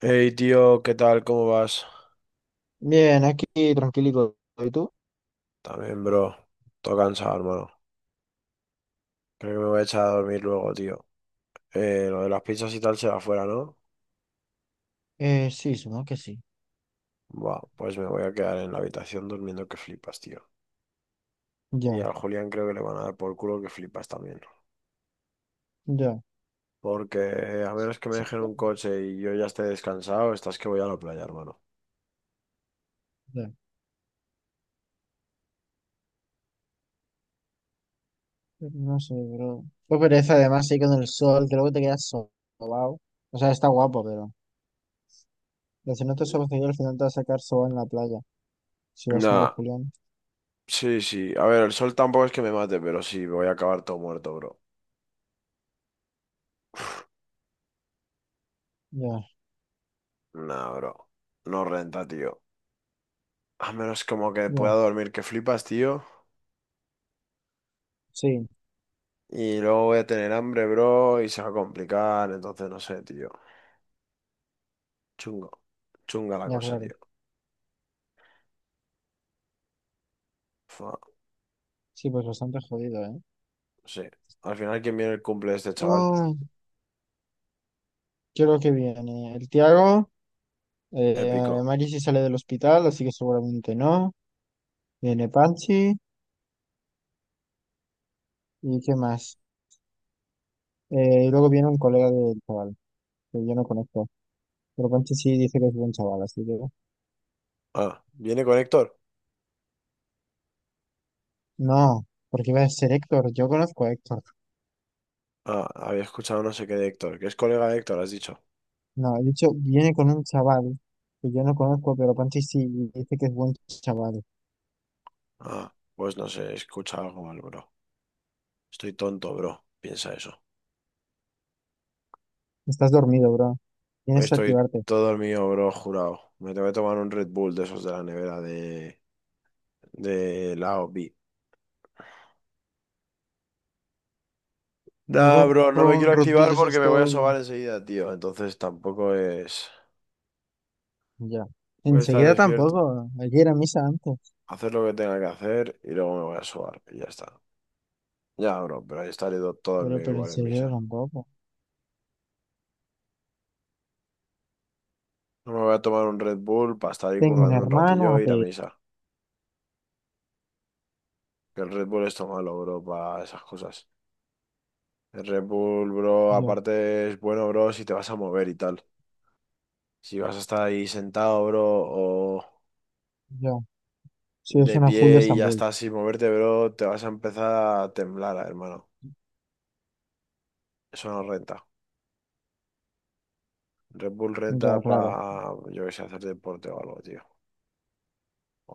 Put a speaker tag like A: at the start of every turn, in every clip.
A: Hey, tío, ¿qué tal? ¿Cómo vas?
B: Bien, aquí tranquilito. ¿Y tú?
A: También, bro. Todo cansado, hermano. Creo que me voy a echar a dormir luego, tío. Lo de las pizzas y tal será afuera, ¿no?
B: Sí, supongo que sí.
A: Buah, pues me voy a quedar en la habitación durmiendo que flipas, tío. Y
B: Ya,
A: al Julián creo que le van a dar por culo que flipas también.
B: ya.
A: Porque a menos que me
B: Sí,
A: dejen
B: ya,
A: un coche y yo ya esté descansado, estás que voy a la playa, hermano.
B: ya. No sé, bro. Qué pereza, además, sí, con el sol, creo que te quedas sobao. O sea, está guapo, pero si no te sobas al final te vas a sacar sobao en la playa. Si vas con el
A: Nah,
B: Julián.
A: sí, sí. A ver, el sol tampoco es que me mate, pero sí, voy a acabar todo muerto, bro.
B: Ya,
A: Nah, bro. No renta, tío. A menos como que pueda
B: ya.
A: dormir que flipas, tío.
B: Sí,
A: Y luego voy a tener hambre, bro, y se va a complicar. Entonces, no sé, tío. Chungo. Chunga la
B: ya,
A: cosa,
B: claro.
A: tío. Fua,
B: Sí, pues bastante jodido, ¿eh?
A: sí. Al final, ¿quién viene el cumple de este chaval?
B: Uy, creo que viene el Tiago. Eh,
A: Épico.
B: Mari sí sale del hospital, así que seguramente no. Viene Panchi. ¿Y qué más? Y luego viene un colega del chaval, que yo no conozco. Pero Pancho sí dice que es buen chaval, así que...
A: Ah, ¿viene con Héctor?
B: No, porque iba a ser Héctor, yo conozco a Héctor.
A: Ah, había escuchado no sé qué de Héctor. ¿Que es colega de Héctor, has dicho?
B: No, he dicho, viene con un chaval que yo no conozco, pero Pancho sí y dice que es buen chaval.
A: Ah, pues no sé, escucha algo mal, bro. Estoy tonto, bro. Piensa eso.
B: Estás dormido, bro. Tienes que
A: Estoy
B: activarte.
A: todo mío, bro, jurado. Me tengo que tomar un Red Bull de esos de la nevera de la OB.
B: Me voy a
A: Nah, bro, no me
B: probar un
A: quiero
B: Red Bull de
A: activar porque
B: esos
A: me voy a
B: todo...
A: sobar enseguida, tío. Entonces tampoco es...
B: Ya.
A: Voy a estar
B: Enseguida
A: despierto,
B: tampoco. Ayer a misa antes.
A: hacer lo que tenga que hacer y luego me voy a sobar y ya está. Ya, bro, pero ahí estaré todo el
B: Pero,
A: día
B: pero
A: igual en
B: enseguida
A: misa.
B: tampoco.
A: No me voy a tomar un Red Bull para estar ahí
B: Tengo un
A: currando un
B: hermano, a
A: ratillo e ir a
B: pedir.
A: misa. Que el Red Bull es todo malo, bro, para esas cosas. El Red Bull, bro,
B: Yo,
A: aparte es bueno, bro, si te vas a mover y tal. Si vas a estar ahí sentado, bro, o
B: yo. Sí, es
A: de
B: una full de
A: pie y ya
B: Estambul.
A: está sin moverte, bro, te vas a empezar a temblar, hermano. Eso no renta. Red Bull
B: Ya,
A: renta
B: claro.
A: para, yo qué sé, hacer deporte o algo, tío.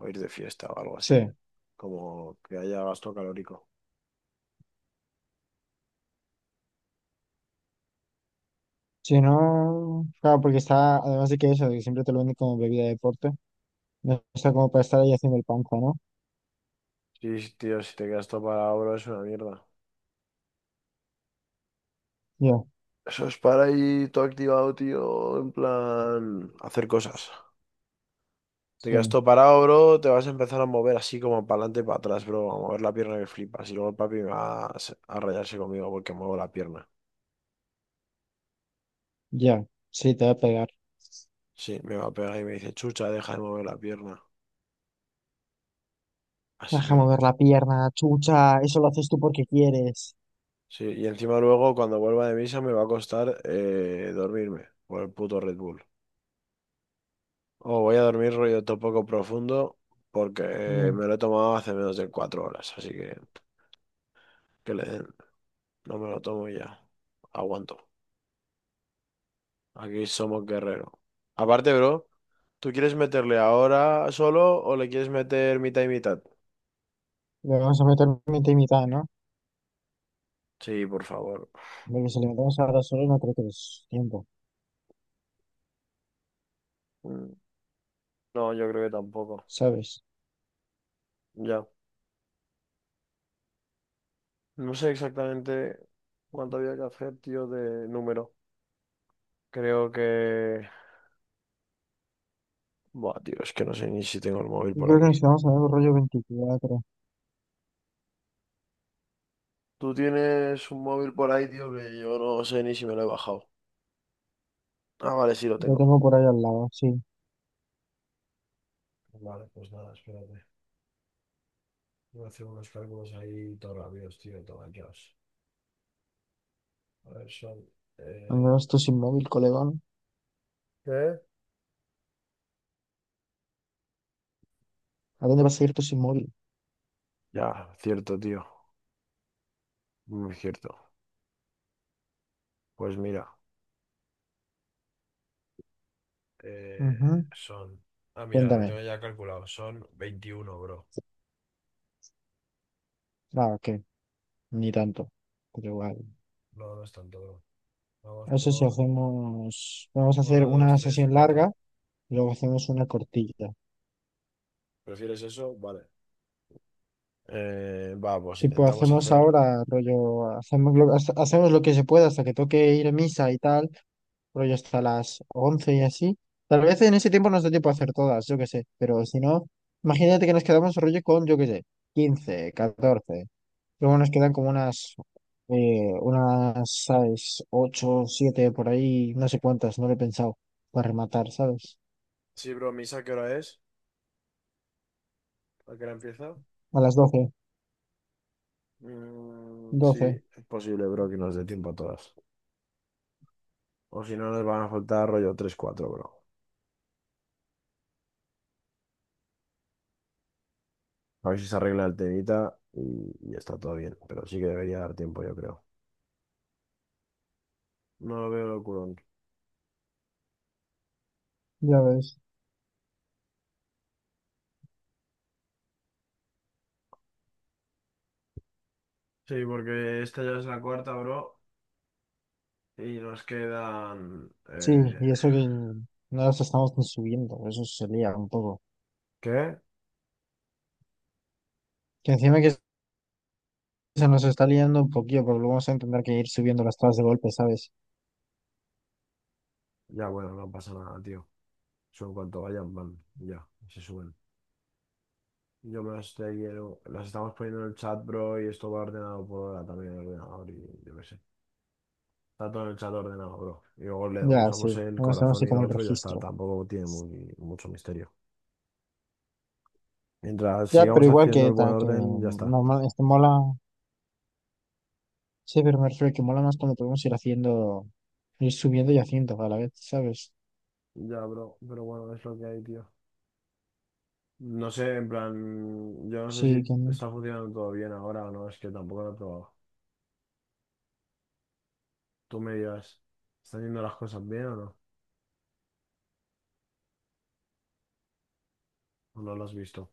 A: O ir de fiesta o algo así.
B: Sí.
A: Como que haya gasto calórico.
B: Si no, claro, porque está, además de que eso, de que siempre te lo venden como bebida de deporte, no está como para estar ahí haciendo el panza, ¿no?
A: Sí, sí, tío, si te quedas todo para oro es una mierda.
B: Ya,
A: Eso es para ir todo activado, tío, en plan hacer cosas. Te quedas
B: sí,
A: todo parado, bro, te vas a empezar a mover así como para adelante y para atrás, bro, a mover la pierna que flipas. Y luego el papi me va a, a rayarse conmigo porque muevo la pierna.
B: ya, sí, te va a pegar.
A: Sí, me va a pegar y me dice, chucha, deja de mover la pierna. Así
B: Deja
A: que
B: mover la pierna, chucha, eso lo haces tú porque quieres.
A: sí, y encima luego cuando vuelva de misa me va a costar dormirme por el puto Red Bull. O voy a dormir rollo poco profundo porque
B: Ya.
A: me lo he tomado hace menos de 4 horas, así que le den, no me lo tomo y ya. Aguanto. Aquí somos guerreros. Aparte, bro, ¿tú quieres meterle ahora solo o le quieres meter mitad y mitad?
B: Le vamos a meter mitad y mitad, ¿no?
A: Sí, por favor.
B: Porque si le metemos ahora solo no creo que es tiempo,
A: Mm, no, yo creo que tampoco.
B: ¿sabes?
A: Ya. No sé exactamente cuánto había que hacer, tío, de número. Creo que... Buah, tío, es que no sé ni si tengo el móvil
B: Yo
A: por
B: creo que
A: aquí.
B: nos quedamos en el rollo 24.
A: Tú tienes un móvil por ahí, tío, que yo no sé ni si me lo he bajado. Ah, vale, sí lo
B: Lo
A: tengo.
B: tengo por ahí al lado, sí.
A: Vale, pues nada, espérate. Voy a hacer unos cálculos ahí todo rápidos, tío, tomateos. A ver, son...
B: Al
A: eh,
B: menos tú sin móvil, colegón.
A: ¿Qué?
B: ¿A dónde vas a ir tú sin móvil?
A: Ya, cierto, tío. Muy cierto. Pues mira, Eh,
B: Ujú.
A: son... Ah, mira, lo
B: Cuéntame.
A: tengo ya calculado. Son veintiuno, bro.
B: Ah, ok. Ni tanto, pero igual.
A: No, no es tanto, bro. Vamos
B: No sé si
A: por
B: hacemos, vamos a hacer
A: uno, dos,
B: una
A: tres,
B: sesión larga,
A: cuatro.
B: y luego hacemos una cortilla.
A: ¿Prefieres eso? Vale. Va, pues
B: Tipo,
A: intentamos
B: hacemos
A: hacer...
B: ahora, rollo, hacemos lo que se pueda hasta que toque ir a misa y tal, rollo hasta las 11 y así. Tal vez en ese tiempo nos dé tiempo a hacer todas, yo qué sé, pero si no, imagínate que nos quedamos rollo con, yo qué sé, 15, 14. Luego nos quedan como unas, ¿sabes? 8, 7 por ahí, no sé cuántas, no lo he pensado, para rematar, ¿sabes?
A: Sí, bro, ¿misa qué hora es? ¿A qué hora empieza?
B: A las doce
A: Mm, sí,
B: doce
A: es posible, bro, que nos dé tiempo a todas. O si no, nos van a faltar rollo tres, cuatro, bro. A ver si se arregla el temita y está todo bien. Pero sí que debería dar tiempo, yo creo. No lo veo locurón.
B: Ya ves.
A: Sí, porque esta ya es la cuarta, bro. Y nos quedan...
B: Sí, y eso que no nos estamos ni subiendo, eso se lía un poco.
A: ¿qué?
B: Que encima que se nos está liando un poquillo, porque luego vamos a tener que ir subiendo las tablas de golpe, ¿sabes?
A: Ya, bueno, no pasa nada, tío. Son cuanto vayan, van. Ya, se suben. Yo me las quiero. Las estamos poniendo en el chat, bro, y esto va ordenado por hora también en el ordenador y yo qué sé. Está todo en el chat ordenado, bro. Y luego le
B: Ya,
A: usamos
B: sí,
A: el
B: no a así
A: corazón y
B: como
A: lo
B: el
A: otro y ya está.
B: registro.
A: Tampoco tiene mucho misterio. Mientras
B: Ya, pero
A: sigamos
B: igual
A: haciendo
B: que,
A: el buen
B: que
A: orden, ya está.
B: normal, este mola, sí, pero me refiero que mola más cuando podemos ir haciendo, ir subiendo y haciendo a la vez, ¿sabes?
A: Ya, bro, pero bueno, es lo que hay, tío. No sé, en plan, yo no sé
B: Sí,
A: si
B: que no.
A: está funcionando todo bien ahora o no, es que tampoco lo he probado. Tú me dirás, ¿están yendo las cosas bien o no? ¿O no lo has visto?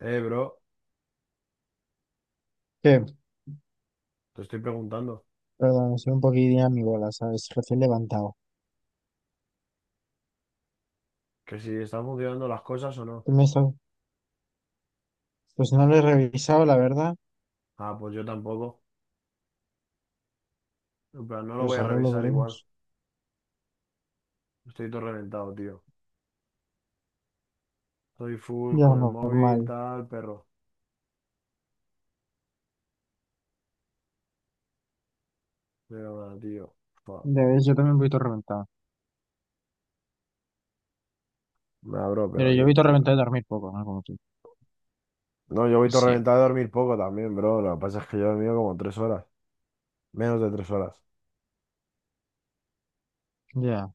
A: Bro,
B: qué
A: te estoy preguntando
B: Perdón, soy un poquillo mi bola, ¿sabes? Recién levantado.
A: que si están funcionando las cosas o no.
B: ¿Qué? Pues no lo he revisado, la verdad.
A: Ah, pues yo tampoco. En plan, no lo
B: Pues
A: voy a
B: ahora lo
A: revisar igual.
B: veremos.
A: Estoy todo reventado, tío. Estoy full
B: Ya,
A: con el móvil,
B: normal.
A: tal, perro. Pero nada, tío. Fua.
B: Ya ves, yo también voy todo reventado.
A: Nah, bro, pero
B: Pero yo voy
A: bien,
B: todo
A: tío.
B: reventado de dormir poco, ¿no? Como tú.
A: No, yo voy todo
B: Sí.
A: reventado a dormir poco también, bro. Lo que pasa es que yo he dormido como 3 horas. Menos de 3 horas.
B: Ya.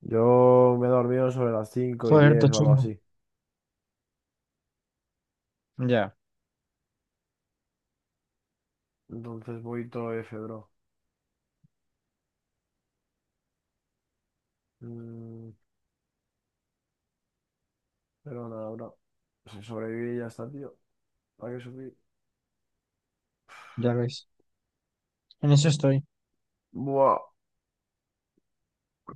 A: Yo me he dormido sobre las cinco y
B: Joder, todo
A: diez o algo
B: chungo.
A: así.
B: Ya,
A: Entonces voy todo F, bro. Mm, pero nada, bro. Si sobreviví y ya está, tío. ¿Para qué sufrir?
B: ya ves. En eso estoy.
A: Buah,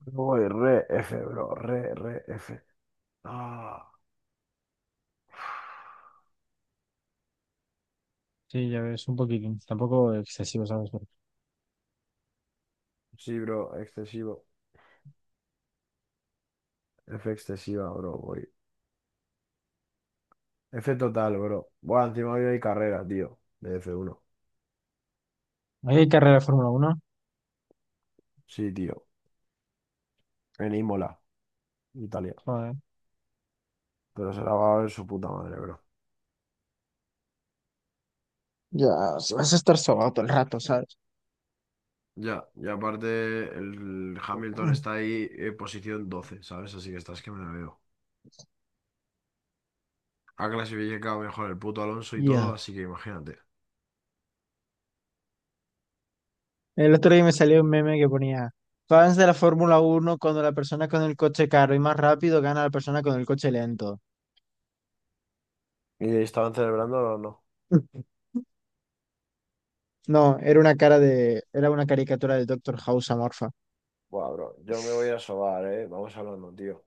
A: voy re F, bro. Re, re F. Ah.
B: Sí, ya ves, un poquitín. Tampoco excesivo, ¿sabes? Pero-
A: Sí, bro, excesivo. F excesiva, bro, voy. F total, bro. Bueno, encima hoy hay carrera, tío, de F1.
B: ¿Hay carrera de Fórmula 1?
A: Sí, tío, en Imola, Italia.
B: Joder.
A: Pero se la va a ver su puta madre, bro.
B: Ya, si vas a estar sobado todo el rato, ¿sabes?
A: Ya, y aparte el Hamilton está ahí en posición 12, ¿sabes? Así que estás que me la veo. Ha clasificado mejor el puto Alonso y todo,
B: Ya.
A: así que imagínate.
B: El otro día me salió un meme que ponía, fans de la Fórmula 1 cuando la persona con el coche caro y más rápido gana a la persona con el coche lento.
A: ¿Y estaban celebrando o no?
B: No, era una caricatura del Doctor House amorfa.
A: Buah, bro, yo me voy a sobar, eh. Vamos hablando, tío.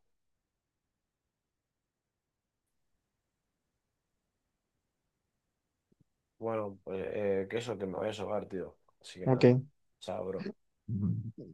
A: Bueno, pues que eso, que me voy a sobar, tío. Así que nada.
B: Ok.
A: Chao, bro.
B: Ujú.